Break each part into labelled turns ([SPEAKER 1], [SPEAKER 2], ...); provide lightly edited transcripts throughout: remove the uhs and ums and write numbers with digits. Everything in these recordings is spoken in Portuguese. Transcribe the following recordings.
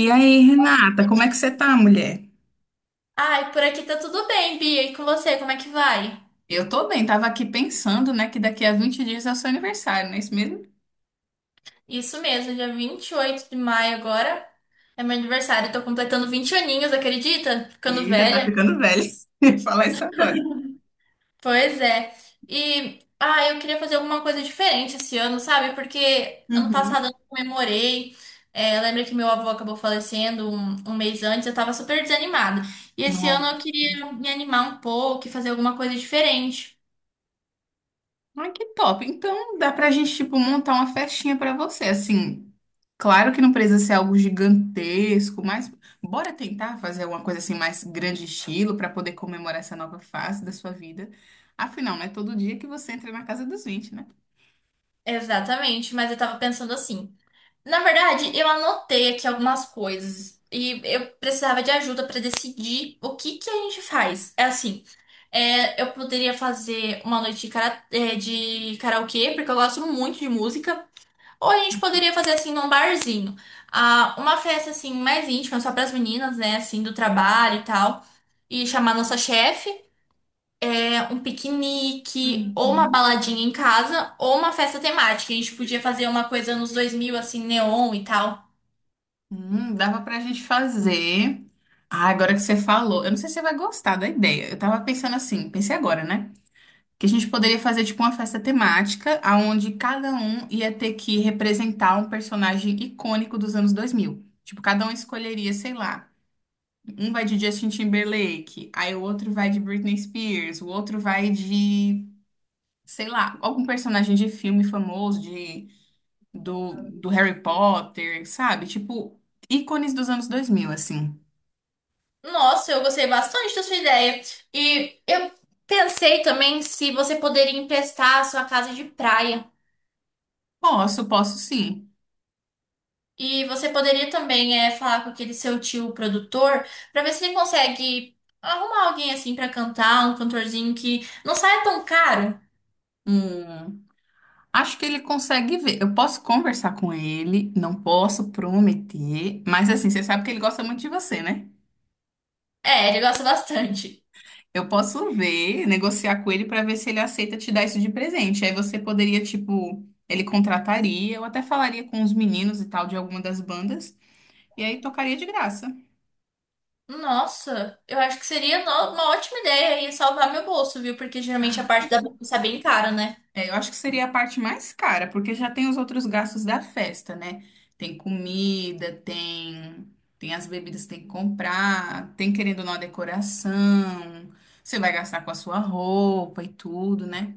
[SPEAKER 1] E aí, Renata, como é que você tá, mulher?
[SPEAKER 2] Ai, por aqui tá tudo bem, Bia. E com você, como é que vai?
[SPEAKER 1] Eu tô bem, tava aqui pensando, né, que daqui a 20 dias é o seu aniversário, não é isso mesmo?
[SPEAKER 2] Isso mesmo, dia 28 de maio agora é meu aniversário. Tô completando 20 aninhos, acredita? Ficando
[SPEAKER 1] Eita, tá
[SPEAKER 2] velha.
[SPEAKER 1] ficando velha. Falar isso agora.
[SPEAKER 2] Pois é. E, eu queria fazer alguma coisa diferente esse ano, sabe? Porque ano passado
[SPEAKER 1] Uhum.
[SPEAKER 2] eu não comemorei. É, lembra que meu avô acabou falecendo um mês antes, eu tava super desanimada. E esse ano eu
[SPEAKER 1] Nossa.
[SPEAKER 2] queria me animar um pouco e fazer alguma coisa diferente.
[SPEAKER 1] Ai, que top. Então, dá pra gente, tipo, montar uma festinha pra você, assim. Claro que não precisa ser algo gigantesco, mas bora tentar fazer alguma coisa assim mais grande estilo pra poder comemorar essa nova fase da sua vida. Afinal, não é todo dia que você entra na casa dos 20, né?
[SPEAKER 2] Exatamente, mas eu tava pensando assim. Na verdade, eu anotei aqui algumas coisas e eu precisava de ajuda para decidir o que que a gente faz. É assim, é, eu poderia fazer uma noite de, de karaokê, porque eu gosto muito de música, ou a gente poderia fazer assim num barzinho. Ah, uma festa assim mais íntima, só para as meninas, né, assim, do trabalho e tal, e chamar nossa chefe. É, um piquenique, ou uma
[SPEAKER 1] Uhum.
[SPEAKER 2] baladinha em casa, ou uma festa temática. A gente podia fazer uma coisa nos 2000 assim, neon e tal.
[SPEAKER 1] Dava pra gente fazer. Ah, agora que você falou, eu não sei se você vai gostar da ideia. Eu tava pensando assim, pensei agora, né? Que a gente poderia fazer tipo uma festa temática, aonde cada um ia ter que representar um personagem icônico dos anos 2000. Tipo, cada um escolheria, sei lá. Um vai de Justin Timberlake, aí o outro vai de Britney Spears, o outro vai de, sei lá, algum personagem de filme famoso, de, do Harry Potter, sabe? Tipo, ícones dos anos 2000 assim.
[SPEAKER 2] Nossa, eu gostei bastante da sua ideia. E eu pensei também se você poderia emprestar a sua casa de praia.
[SPEAKER 1] Posso, posso sim.
[SPEAKER 2] E você poderia também é, falar com aquele seu tio produtor para ver se ele consegue arrumar alguém assim para cantar, um cantorzinho que não saia tão caro.
[SPEAKER 1] Hum, acho que ele consegue ver. Eu posso conversar com ele, não posso prometer, mas assim, você sabe que ele gosta muito de você, né?
[SPEAKER 2] É, ele gosta bastante.
[SPEAKER 1] Eu posso ver, negociar com ele para ver se ele aceita te dar isso de presente. Aí você poderia, tipo, ele contrataria, eu até falaria com os meninos e tal de alguma das bandas, e aí tocaria de graça.
[SPEAKER 2] Nossa, eu acho que seria uma ótima ideia e salvar meu bolso, viu? Porque geralmente a parte da bolsa é bem cara, né?
[SPEAKER 1] É, eu acho que seria a parte mais cara, porque já tem os outros gastos da festa, né? Tem comida, tem, tem as bebidas que tem que comprar, tem querendo ou não a decoração, você vai gastar com a sua roupa e tudo, né?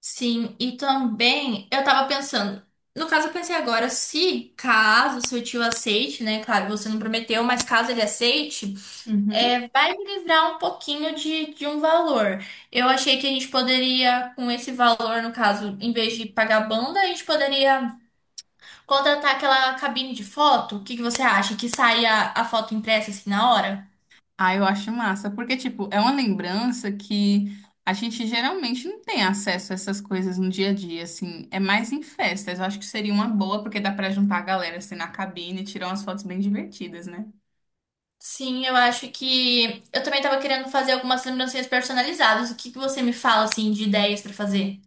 [SPEAKER 2] Sim, e também eu tava pensando, no caso eu pensei agora, se caso seu tio aceite, né? Claro, você não prometeu, mas caso ele aceite,
[SPEAKER 1] Uhum.
[SPEAKER 2] é, vai me livrar um pouquinho de um valor. Eu achei que a gente poderia, com esse valor, no caso, em vez de pagar banda, a gente poderia contratar aquela cabine de foto. O que que você acha? Que saia a foto impressa assim na hora?
[SPEAKER 1] Ah, eu acho massa, porque, tipo, é uma lembrança que a gente geralmente não tem acesso a essas coisas no dia a dia, assim, é mais em festas. Eu acho que seria uma boa, porque dá pra juntar a galera, assim, na cabine e tirar umas fotos bem divertidas, né?
[SPEAKER 2] Sim, eu acho que eu também tava querendo fazer algumas lembrancinhas personalizadas. O que que você me fala assim de ideias pra fazer?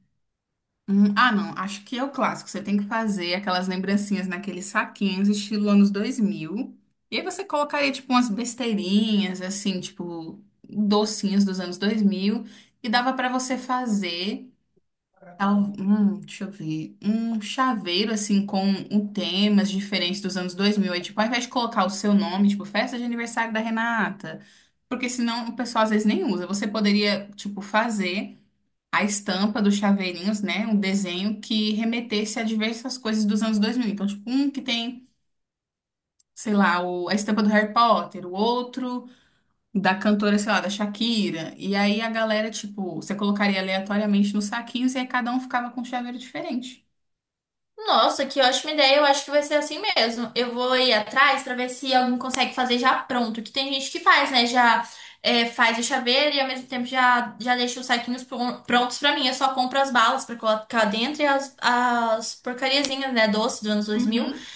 [SPEAKER 1] Ah, não. Acho que é o clássico. Você tem que fazer aquelas lembrancinhas naqueles saquinhos, estilo anos 2000. E aí você colocaria, tipo, umas besteirinhas, assim, tipo, docinhos dos anos 2000. E dava pra você fazer, deixa eu ver, um chaveiro, assim, com um temas diferentes dos anos 2000. Aí, tipo, ao invés de colocar o seu nome, tipo, festa de aniversário da Renata. Porque senão o pessoal às vezes nem usa. Você poderia, tipo, fazer a estampa dos chaveirinhos, né? Um desenho que remetesse a diversas coisas dos anos 2000. Então, tipo, um que tem, sei lá, a estampa do Harry Potter, o outro da cantora, sei lá, da Shakira. E aí a galera, tipo, você colocaria aleatoriamente nos saquinhos e aí cada um ficava com um chaveiro diferente.
[SPEAKER 2] Nossa, que ótima ideia. Eu acho que vai ser assim mesmo. Eu vou ir atrás pra ver se alguém consegue fazer já pronto. Que tem gente que faz, né? Já é, faz o chaveiro e ao mesmo tempo já, já deixa os saquinhos prontos pra mim. Eu só compro as balas pra colocar dentro e as porcariazinhas, né? Doce dos anos 2000
[SPEAKER 1] Uhum.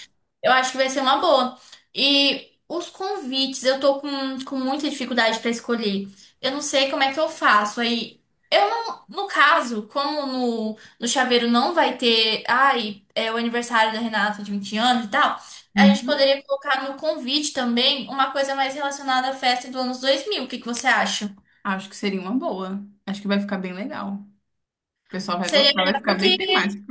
[SPEAKER 2] eu acho que vai ser uma boa. E os convites, com muita dificuldade pra escolher. Eu não sei como é que eu faço. Aí, eu não, no caso, como no chaveiro não vai ter, ai, é o aniversário da Renata de 20 anos e tal, a gente
[SPEAKER 1] Uhum.
[SPEAKER 2] poderia colocar no convite também uma coisa mais relacionada à festa do anos 2000. O que que você acha?
[SPEAKER 1] Acho que seria uma boa. Acho que vai ficar bem legal. O pessoal vai
[SPEAKER 2] Seria
[SPEAKER 1] gostar, vai
[SPEAKER 2] melhor
[SPEAKER 1] ficar bem
[SPEAKER 2] que,
[SPEAKER 1] temático.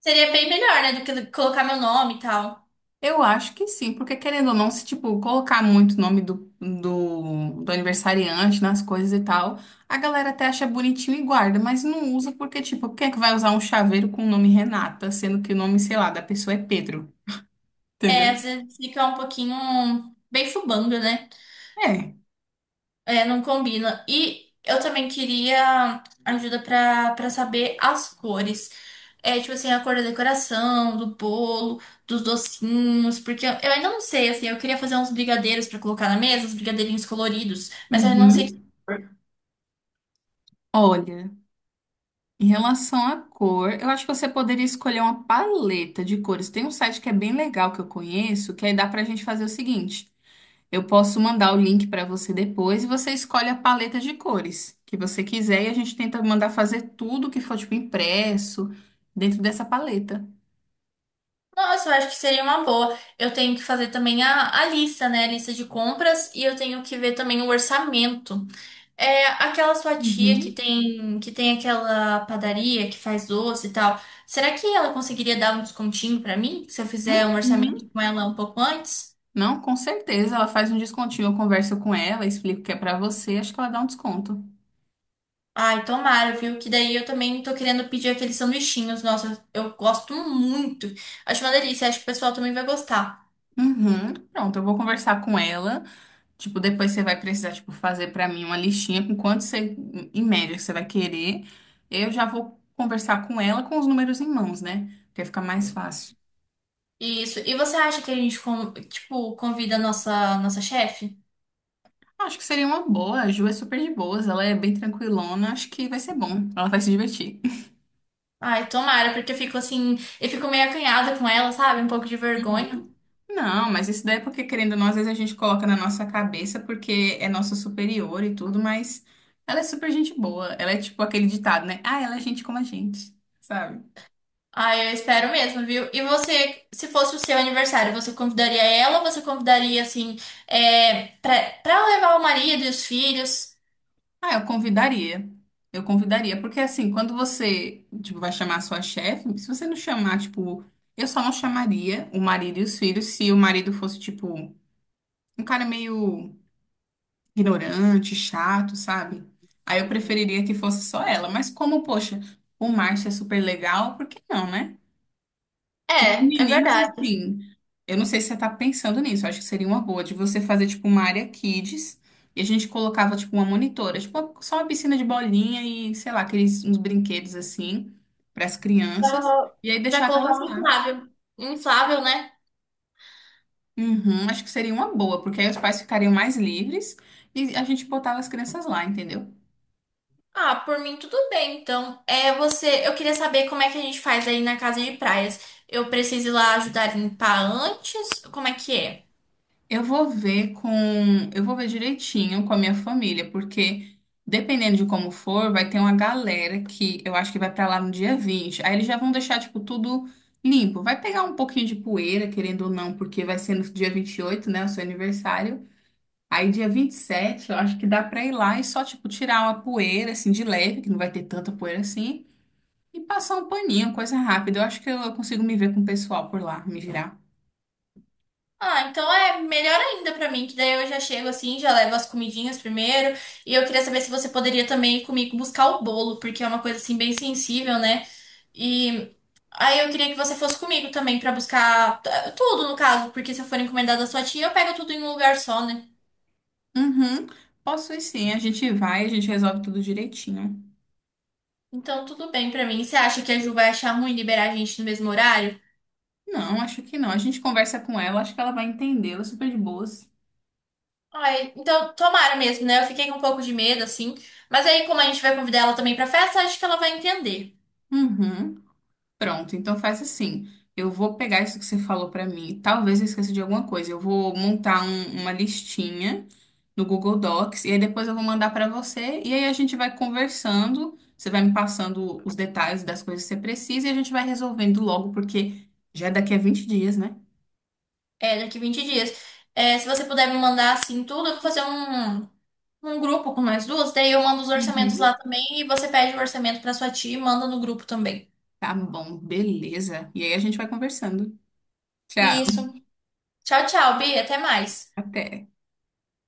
[SPEAKER 2] seria bem melhor, né, do que colocar meu nome e tal.
[SPEAKER 1] Eu acho que sim, porque querendo ou não, se tipo, colocar muito o nome do aniversariante nas coisas e tal, a galera até acha bonitinho e guarda, mas não usa porque, tipo, quem é que vai usar um chaveiro com o nome Renata, sendo que o nome, sei lá, da pessoa é Pedro,
[SPEAKER 2] É, às
[SPEAKER 1] entendeu?
[SPEAKER 2] vezes fica um pouquinho bem fubando, né?
[SPEAKER 1] É.
[SPEAKER 2] É, não combina. E eu também queria ajuda pra para saber as cores. É, tipo assim, a cor da decoração, do bolo, dos docinhos, porque eu ainda não sei, assim, eu queria fazer uns brigadeiros pra colocar na mesa, uns brigadeirinhos coloridos, mas eu não sei.
[SPEAKER 1] Uhum. Olha, em relação à cor, eu acho que você poderia escolher uma paleta de cores. Tem um site que é bem legal que eu conheço, que aí dá pra gente fazer o seguinte. Eu posso mandar o link para você depois e você escolhe a paleta de cores que você quiser e a gente tenta mandar fazer tudo que for tipo impresso dentro dessa paleta.
[SPEAKER 2] Nossa, eu acho que seria uma boa. Eu tenho que fazer também a lista, né? A lista de compras e eu tenho que ver também o orçamento. É aquela sua tia
[SPEAKER 1] Uhum.
[SPEAKER 2] que tem aquela padaria que faz doce e tal. Será que ela conseguiria dar um descontinho pra mim se eu fizer um orçamento
[SPEAKER 1] Uhum.
[SPEAKER 2] com ela um pouco antes?
[SPEAKER 1] Não, com certeza, ela faz um descontinho. Eu converso com ela, explico que é para você, acho que ela dá um desconto.
[SPEAKER 2] Ai, tomara, viu? Que daí eu também tô querendo pedir aqueles sanduichinhos. Nossa, eu gosto muito. Acho uma delícia, acho que o pessoal também vai gostar.
[SPEAKER 1] Uhum. Pronto, eu vou conversar com ela. Tipo, depois você vai precisar, tipo, fazer para mim uma listinha com quanto você, em média, que você vai querer. Eu já vou conversar com ela com os números em mãos, né? Porque fica mais fácil.
[SPEAKER 2] Isso. E você acha que a gente, tipo, convida a nossa chefe?
[SPEAKER 1] Acho que seria uma boa. A Ju é super de boas, ela é bem tranquilona. Acho que vai ser bom. Ela vai se divertir.
[SPEAKER 2] Ai, tomara, porque eu fico assim, eu fico meio acanhada com ela, sabe? Um pouco de vergonha.
[SPEAKER 1] Não, mas isso daí é porque, querendo ou não, às vezes a gente coloca na nossa cabeça porque é nosso superior e tudo, mas ela é super gente boa. Ela é tipo aquele ditado, né? Ah, ela é gente como a gente, sabe?
[SPEAKER 2] Ah, eu espero mesmo, viu? E você, se fosse o seu aniversário, você convidaria ela ou você convidaria, assim, é, pra levar o marido e os filhos?
[SPEAKER 1] Ah, eu convidaria. Eu convidaria, porque assim, quando você, tipo, vai chamar a sua chefe, se você não chamar, tipo, eu só não chamaria o marido e os filhos se o marido fosse, tipo, um cara meio ignorante, chato, sabe? Aí eu preferiria que fosse só ela. Mas como, poxa, o Márcio é super legal, por que não, né? E os
[SPEAKER 2] É, é
[SPEAKER 1] meninos,
[SPEAKER 2] verdade.
[SPEAKER 1] assim, eu não sei se você tá pensando nisso, eu acho que seria uma boa de você fazer, tipo, uma área kids e a gente colocava, tipo, uma monitora, tipo, só uma piscina de bolinha e, sei lá, aqueles uns brinquedos, assim, para as crianças
[SPEAKER 2] Pra,
[SPEAKER 1] e aí
[SPEAKER 2] pra
[SPEAKER 1] deixava
[SPEAKER 2] colocar
[SPEAKER 1] elas
[SPEAKER 2] um
[SPEAKER 1] lá.
[SPEAKER 2] inflável. Inflável, né?
[SPEAKER 1] Uhum, acho que seria uma boa, porque aí os pais ficariam mais livres e a gente botava as crianças lá, entendeu?
[SPEAKER 2] Ah, por mim tudo bem, então. É, você, eu queria saber como é que a gente faz aí na casa de praias. Eu preciso ir lá ajudar a limpar antes? Como é que é?
[SPEAKER 1] Eu vou ver com, eu vou ver direitinho com a minha família, porque dependendo de como for, vai ter uma galera que eu acho que vai pra lá no dia 20. Aí eles já vão deixar tipo tudo limpo. Vai pegar um pouquinho de poeira, querendo ou não, porque vai ser no dia 28, né, o seu aniversário. Aí dia 27, eu acho que dá pra ir lá e só tipo tirar uma poeira assim de leve, que não vai ter tanta poeira assim, e passar um paninho, coisa rápida. Eu acho que eu consigo me ver com o pessoal por lá, me virar.
[SPEAKER 2] Ah, então é melhor ainda pra mim, que daí eu já chego assim, já levo as comidinhas primeiro. E eu queria saber se você poderia também ir comigo buscar o bolo, porque é uma coisa assim bem sensível, né? E aí eu queria que você fosse comigo também pra buscar tudo, no caso, porque se eu for encomendar da sua tia, eu pego tudo em um lugar só, né?
[SPEAKER 1] Uhum. Posso ir sim, a gente vai, a gente resolve tudo direitinho.
[SPEAKER 2] Então tudo bem pra mim. Você acha que a Ju vai achar ruim liberar a gente no mesmo horário?
[SPEAKER 1] Não, acho que não. A gente conversa com ela, acho que ela vai entender, ela é super de boas.
[SPEAKER 2] Ai, então tomara mesmo, né? Eu fiquei com um pouco de medo assim, mas aí como a gente vai convidar ela também pra festa, acho que ela vai entender.
[SPEAKER 1] Uhum. Pronto, então faz assim. Eu vou pegar isso que você falou pra mim. Talvez eu esqueça de alguma coisa. Eu vou montar uma listinha no Google Docs e aí depois eu vou mandar pra você e aí a gente vai conversando. Você vai me passando os detalhes das coisas que você precisa e a gente vai resolvendo logo, porque já é daqui a 20 dias, né?
[SPEAKER 2] É, daqui 20 dias. É, se você puder me mandar assim tudo, eu vou fazer um grupo com nós duas, daí eu mando os orçamentos lá
[SPEAKER 1] Uhum.
[SPEAKER 2] também e você pede o orçamento pra sua tia e manda no grupo também.
[SPEAKER 1] Tá bom, beleza. E aí a gente vai conversando. Tchau,
[SPEAKER 2] Isso. Tchau, tchau, Bia. Até mais.
[SPEAKER 1] até.